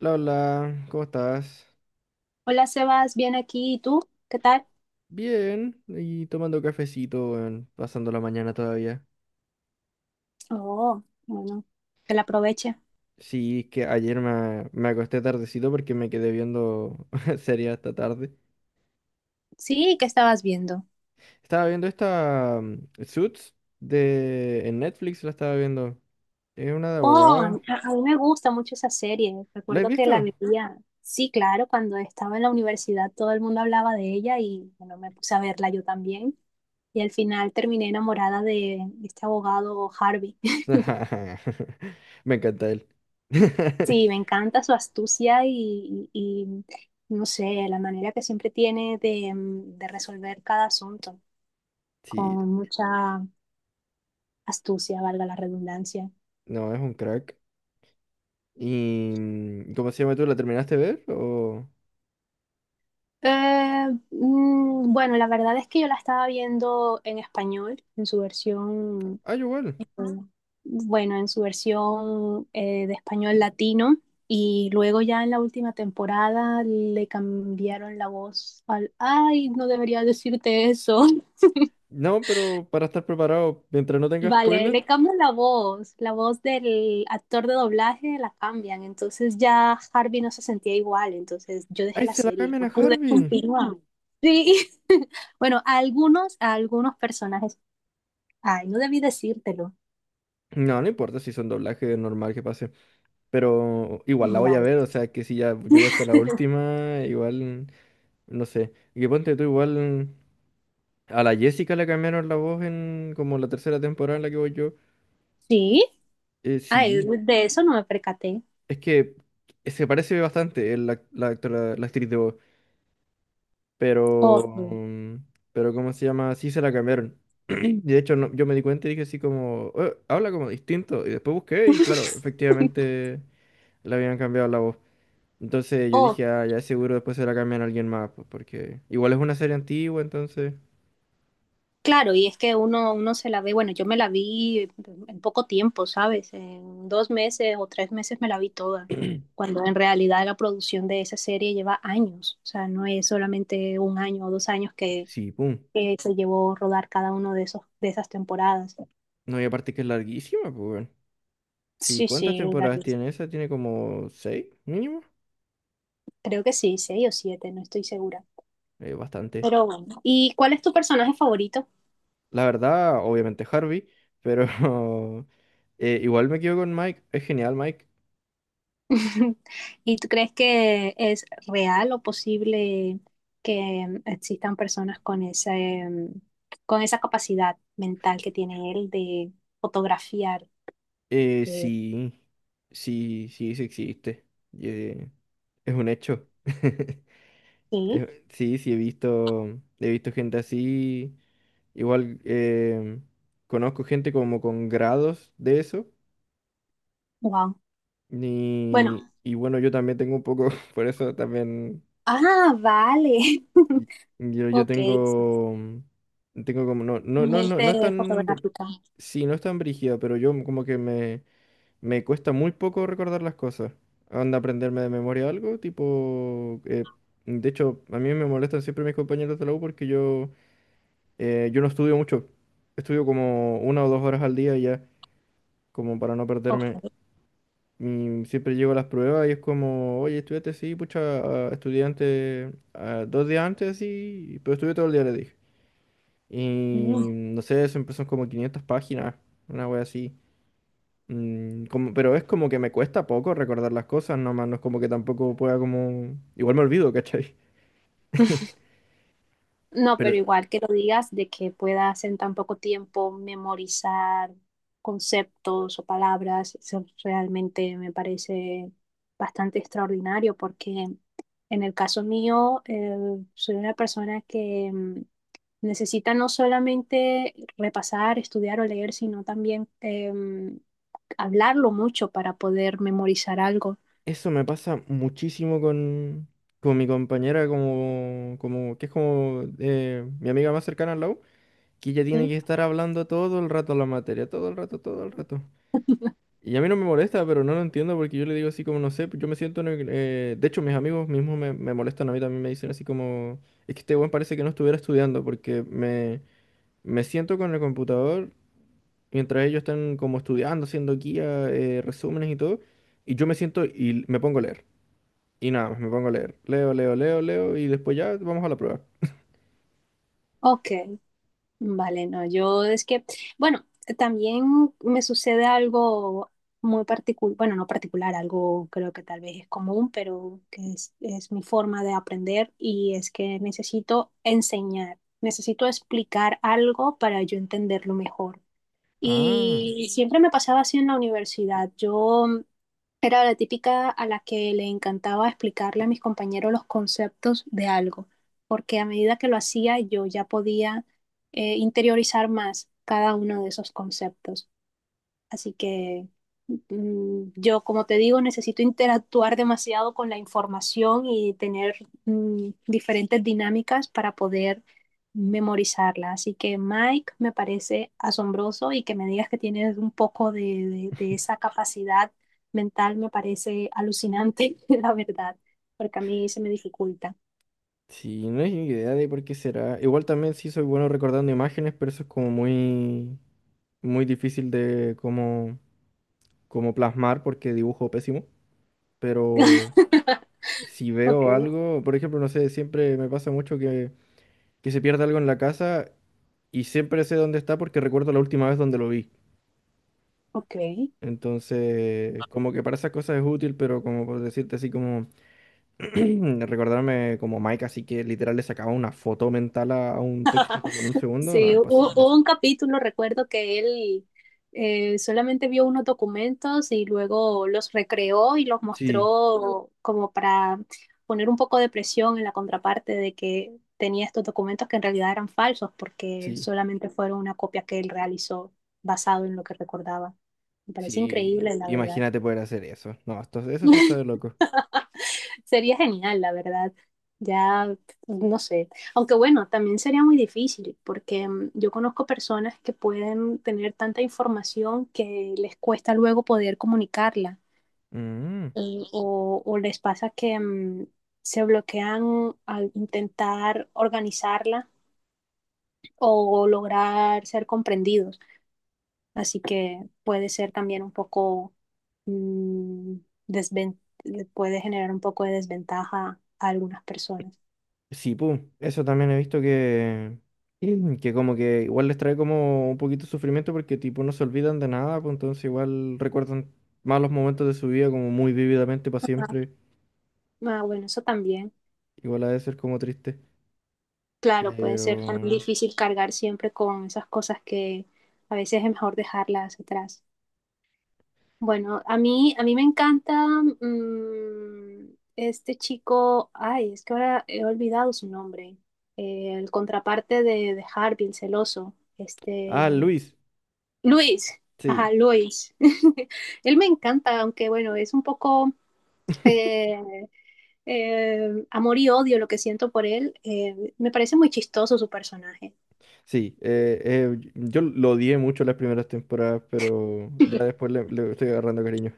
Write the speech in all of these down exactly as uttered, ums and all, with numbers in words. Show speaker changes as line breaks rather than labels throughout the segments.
Hola, hola, ¿cómo estás?
Hola Sebas, bien aquí. ¿Y tú? ¿Qué tal?
Bien, y tomando cafecito, weón, pasando la mañana todavía.
Oh, bueno, que la aproveche.
Sí, es que ayer me, me acosté tardecito porque me quedé viendo serie hasta tarde.
Sí, ¿qué estabas viendo?
Estaba viendo esta mm, Suits de en Netflix, la estaba viendo. Es una de
Oh,
abogados.
a, a mí me gusta mucho esa serie.
¿La has
Recuerdo que la
visto?
veía. Sí, claro, cuando estaba en la universidad todo el mundo hablaba de ella y bueno, me puse a verla yo también. Y al final terminé enamorada de este abogado Harvey.
Me encanta él.
Sí, me encanta su astucia y, y- y, no sé, la manera que siempre tiene de, mm, de resolver cada asunto
Sí,
con mucha astucia, ¿valga la redundancia?
no, es un crack. ¿Y mm, cómo se llama tú? ¿La terminaste de ver? ¿O...
Eh, mm, bueno, la verdad es que yo la estaba viendo en español, en su versión,
Ah, yo igual.
eh, bueno, en su versión eh, de español latino. Y luego ya en la última temporada le cambiaron la voz al, ay, no debería decirte eso.
No, pero para estar preparado, mientras no tenga
Vale,
spoiler.
le cambian la voz, la voz del actor de doblaje la cambian, entonces ya Harvey no se sentía igual, entonces yo dejé
¡Ay,
la
se la
serie,
cambian a
no pude
Harvey!
continuar. Sí, bueno, a algunos, a algunos personajes, ay, no debí decírtelo.
No, no importa si son doblajes normal que pase. Pero igual la voy a
Vale,
ver, o sea que si ya llegó hasta la última, igual, no sé. Y que ponte tú igual. A la Jessica le cambiaron la voz en como la tercera temporada en la que voy yo.
sí,
Eh,
ay,
sí.
de eso no me percaté.
Es que se parece bastante el ac- la, actora- la actriz de voz. Pero,
Ok,
mm, pero ¿cómo se llama? Sí se la cambiaron. Y de hecho, no- yo me di cuenta y dije así como, "Eh, habla como distinto." Y después busqué y claro, efectivamente le habían cambiado la voz. Entonces yo
ok.
dije, ah, ya seguro después se la cambian a alguien más, pues, porque igual es una serie antigua, entonces...
Claro, y es que uno, uno se la ve, bueno, yo me la vi en poco tiempo, ¿sabes? En dos meses o tres meses me la vi toda, cuando en realidad la producción de esa serie lleva años, o sea, no es solamente un año o dos años que,
Sí, pum.
que se llevó rodar cada uno de esos, de esas temporadas.
No, y aparte que es larguísima, pues, weón. Sí,
Sí,
¿cuántas
sí, la
temporadas
vi.
tiene esa? Tiene como seis, mínimo.
Creo que sí, seis o siete, no estoy segura.
Eh, bastante.
Pero bueno, ¿y cuál es tu personaje favorito?
La verdad, obviamente Harvey, pero eh, igual me quedo con Mike. Es genial, Mike.
¿Y tú crees que es real o posible que em, existan personas con esa, em, con esa capacidad mental que tiene él de fotografiar?
Eh,
Eh,
sí, sí, sí, sí existe. y, eh, es un hecho.
sí,
Eh, Sí, sí, he visto, he visto gente así. Igual eh, conozco gente como con grados de eso.
wow.
Y,
Bueno,
y bueno, yo también tengo un poco, por eso también
ah, vale.
y- yo, yo
Ok,
tengo, mm, tengo como, no, no, no, no, no
mente
es tan, br-
fotográfica.
sí, no es tan brígido, pero yo como que me, Me cuesta muy poco recordar las cosas. Anda aprenderme de memoria algo, tipo... eh, de hecho, a mí me molestan siempre mis compañeros de la U porque yo, eh, yo no estudio mucho. Estudio como una o dos horas al día ya, como para no perderme.
Ok.
Y siempre llego a las pruebas y es como, oye, estudiante, sí, pucha, estudiante, dos días antes, sí, pero estudié todo el día, le dije. Y
Mm.
no sé, eso empezó como quinientas páginas, una wea así. Mm, como, pero es como que me cuesta poco recordar las cosas, nomás no es como que tampoco pueda como... Igual me olvido, ¿cachai?
No,
Pero
pero igual que lo digas de que puedas en tan poco tiempo memorizar conceptos o palabras, eso realmente me parece bastante extraordinario porque en el caso mío eh, soy una persona que mm, necesita no solamente repasar, estudiar o leer, sino también em, hablarlo mucho para poder memorizar algo.
eso me pasa muchísimo con, con mi compañera, como, como que es como eh, mi amiga más cercana al lado, que ella tiene
¿Sí?
que estar hablando todo el rato la materia, todo el rato, todo el rato. Y a mí no me molesta, pero no lo entiendo porque yo le digo así como, no sé, yo me siento... en eh, de hecho, mis amigos mismos me, me molestan a mí también, me dicen así como, es que este buen parece que no estuviera estudiando porque me... Me siento con el computador mientras ellos están como estudiando, haciendo guía, eh, resúmenes y todo. Y yo me siento y me pongo a leer. Y nada más, me pongo a leer. Leo, leo, leo, leo y después ya vamos a la prueba.
Ok, vale, no, yo es que, bueno, también me sucede algo muy particular, bueno, no particular, algo creo que tal vez es común, pero que es, es mi forma de aprender y es que necesito enseñar, necesito explicar algo para yo entenderlo mejor.
Ah,
Y siempre me pasaba así en la universidad. Yo era la típica a la que le encantaba explicarle a mis compañeros los conceptos de algo, porque a medida que lo hacía yo ya podía eh, interiorizar más cada uno de esos conceptos. Así que mm, yo, como te digo, necesito interactuar demasiado con la información y tener mm, diferentes dinámicas para poder memorizarla. Así que Mike, me parece asombroso y que me digas que tienes un poco de, de- de esa capacidad mental me parece alucinante, la verdad, porque a mí se me dificulta.
sí, no es idea de por qué será. Igual también sí soy bueno recordando imágenes, pero eso es como muy, muy difícil de como, como plasmar porque dibujo pésimo. Pero si
Ok,
veo algo, por ejemplo, no sé, siempre me pasa mucho que que se pierde algo en la casa y siempre sé dónde está porque recuerdo la última vez donde lo vi.
ok.
Entonces, como que para esas cosas es útil, pero como por decirte así como recordarme como Mike, así que literal le sacaba una foto mental a, a un texto como en un segundo, no
Sí,
es
hu- hu-
posible.
hubo un capítulo, recuerdo que él eh, solamente vio unos documentos y luego los recreó y los
Sí,
mostró como para poner un poco de presión en la contraparte de que tenía estos documentos que en realidad eran falsos porque
sí,
solamente fueron una copia que él realizó basado en lo que recordaba. Me parece
sí.
increíble, la verdad.
Imagínate poder hacer eso. No, esto, eso sí está de loco.
Sería genial, la verdad. Ya, no sé. Aunque bueno, también sería muy difícil porque mm, yo conozco personas que pueden tener tanta información que les cuesta luego poder comunicarla
Mm.
y- o, o les pasa que mm, se bloquean al intentar organizarla o lograr ser comprendidos. Así que puede ser también un poco, mm, desven- puede generar un poco de desventaja a algunas personas.
Sí, pum, eso también he visto que, y que como que igual les trae como un poquito de sufrimiento porque tipo no se olvidan de nada, pues entonces igual recuerdan malos momentos de su vida como muy vívidamente para siempre.
Ah, bueno, eso también.
Igual ha de ser como triste.
Claro, puede
Pero...
ser tan difícil cargar siempre con esas cosas que a veces es mejor dejarlas atrás. Bueno, a mí, a mí me encanta mm, este chico, ay, es que ahora he olvidado su nombre. Eh, el contraparte de, de Harvey, el celoso,
Ah,
este,
Luis,
Luis, ajá,
sí,
Luis. Él me encanta, aunque bueno, es un poco... eh, eh, amor y odio lo que siento por él. Eh, me parece muy chistoso su personaje.
sí. eh, eh, y- yo lo odié mucho las primeras temporadas, pero ya después le, le estoy agarrando cariño.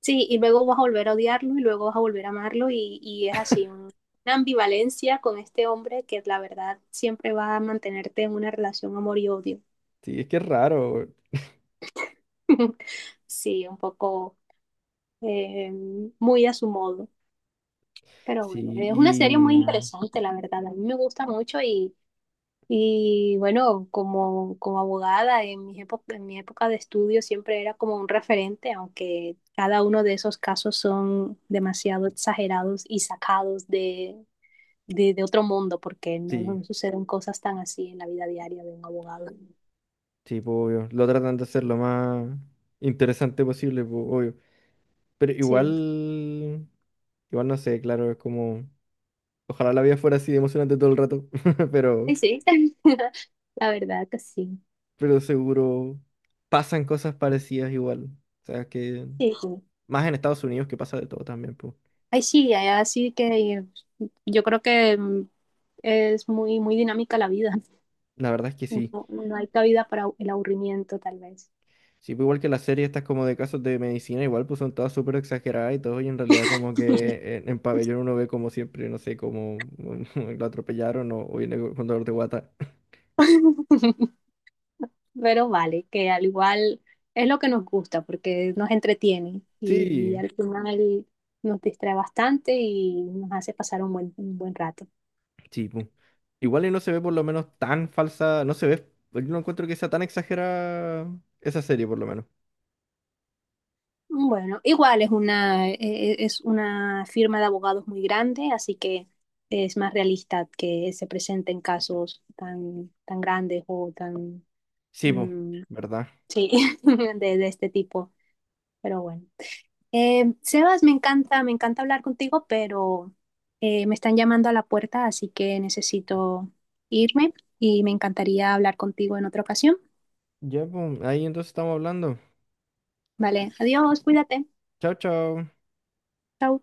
Sí, y luego vas a volver a odiarlo y luego vas a volver a amarlo y, y es así, un- una ambivalencia con este hombre que la verdad siempre va a mantenerte en una relación amor y odio.
Sí, es que es raro.
Sí, un poco eh, muy a su modo. Pero bueno,
Sí,
es una
y...
serie muy
mm,
interesante, la verdad. A mí me gusta mucho y, Y bueno, como, como abogada, en mis épo- en mi época de estudio siempre era como un referente, aunque cada uno de esos casos son demasiado exagerados y sacados de, de, de otro mundo, porque no,
sí.
no suceden cosas tan así en la vida diaria de un abogado.
Sí, pues, obvio. Lo tratan de hacer lo más interesante posible, pues, obvio. Pero
Sí,
igual, igual no sé, claro, es como, ojalá la vida fuera así de emocionante todo el rato, pero,
ay, sí, la verdad que sí.
pero seguro pasan cosas parecidas igual. O sea, que
Sí, sí.
más en Estados Unidos que pasa de todo también, pues.
Ay, sí, ay, así que yo creo que mm, es muy, muy dinámica la vida.
La verdad es que sí.
No, no hay cabida para el aburrimiento, tal vez.
Sí, pues igual que las series estas como de casos de medicina, igual pues son todas súper exageradas y todo, y en realidad como que en, en pabellón uno ve como siempre, no sé, como lo atropellaron o, o viene con dolor de guata.
Pero vale, que al igual es lo que nos gusta porque nos entretiene y
Sí,
al final nos distrae bastante y nos hace pasar un buen, un buen rato.
sí, pu. Igual y no se ve por lo menos tan falsa, no se ve, yo no encuentro que sea tan exagerada esa serie por lo menos.
Bueno, igual es una, eh, eh, es una firma de abogados muy grande, así que es más realista que se presenten casos tan, tan grandes o tan,
Sí, pues,
mm,
¿verdad?
sí, de, de este tipo. Pero bueno. Eh, Sebas, me encanta, me encanta hablar contigo, pero eh, me están llamando a la puerta, así que necesito irme y me encantaría hablar contigo en otra ocasión.
Ya, pues, ahí entonces estamos hablando.
Vale, adiós, cuídate.
Chao, chao.
Chao.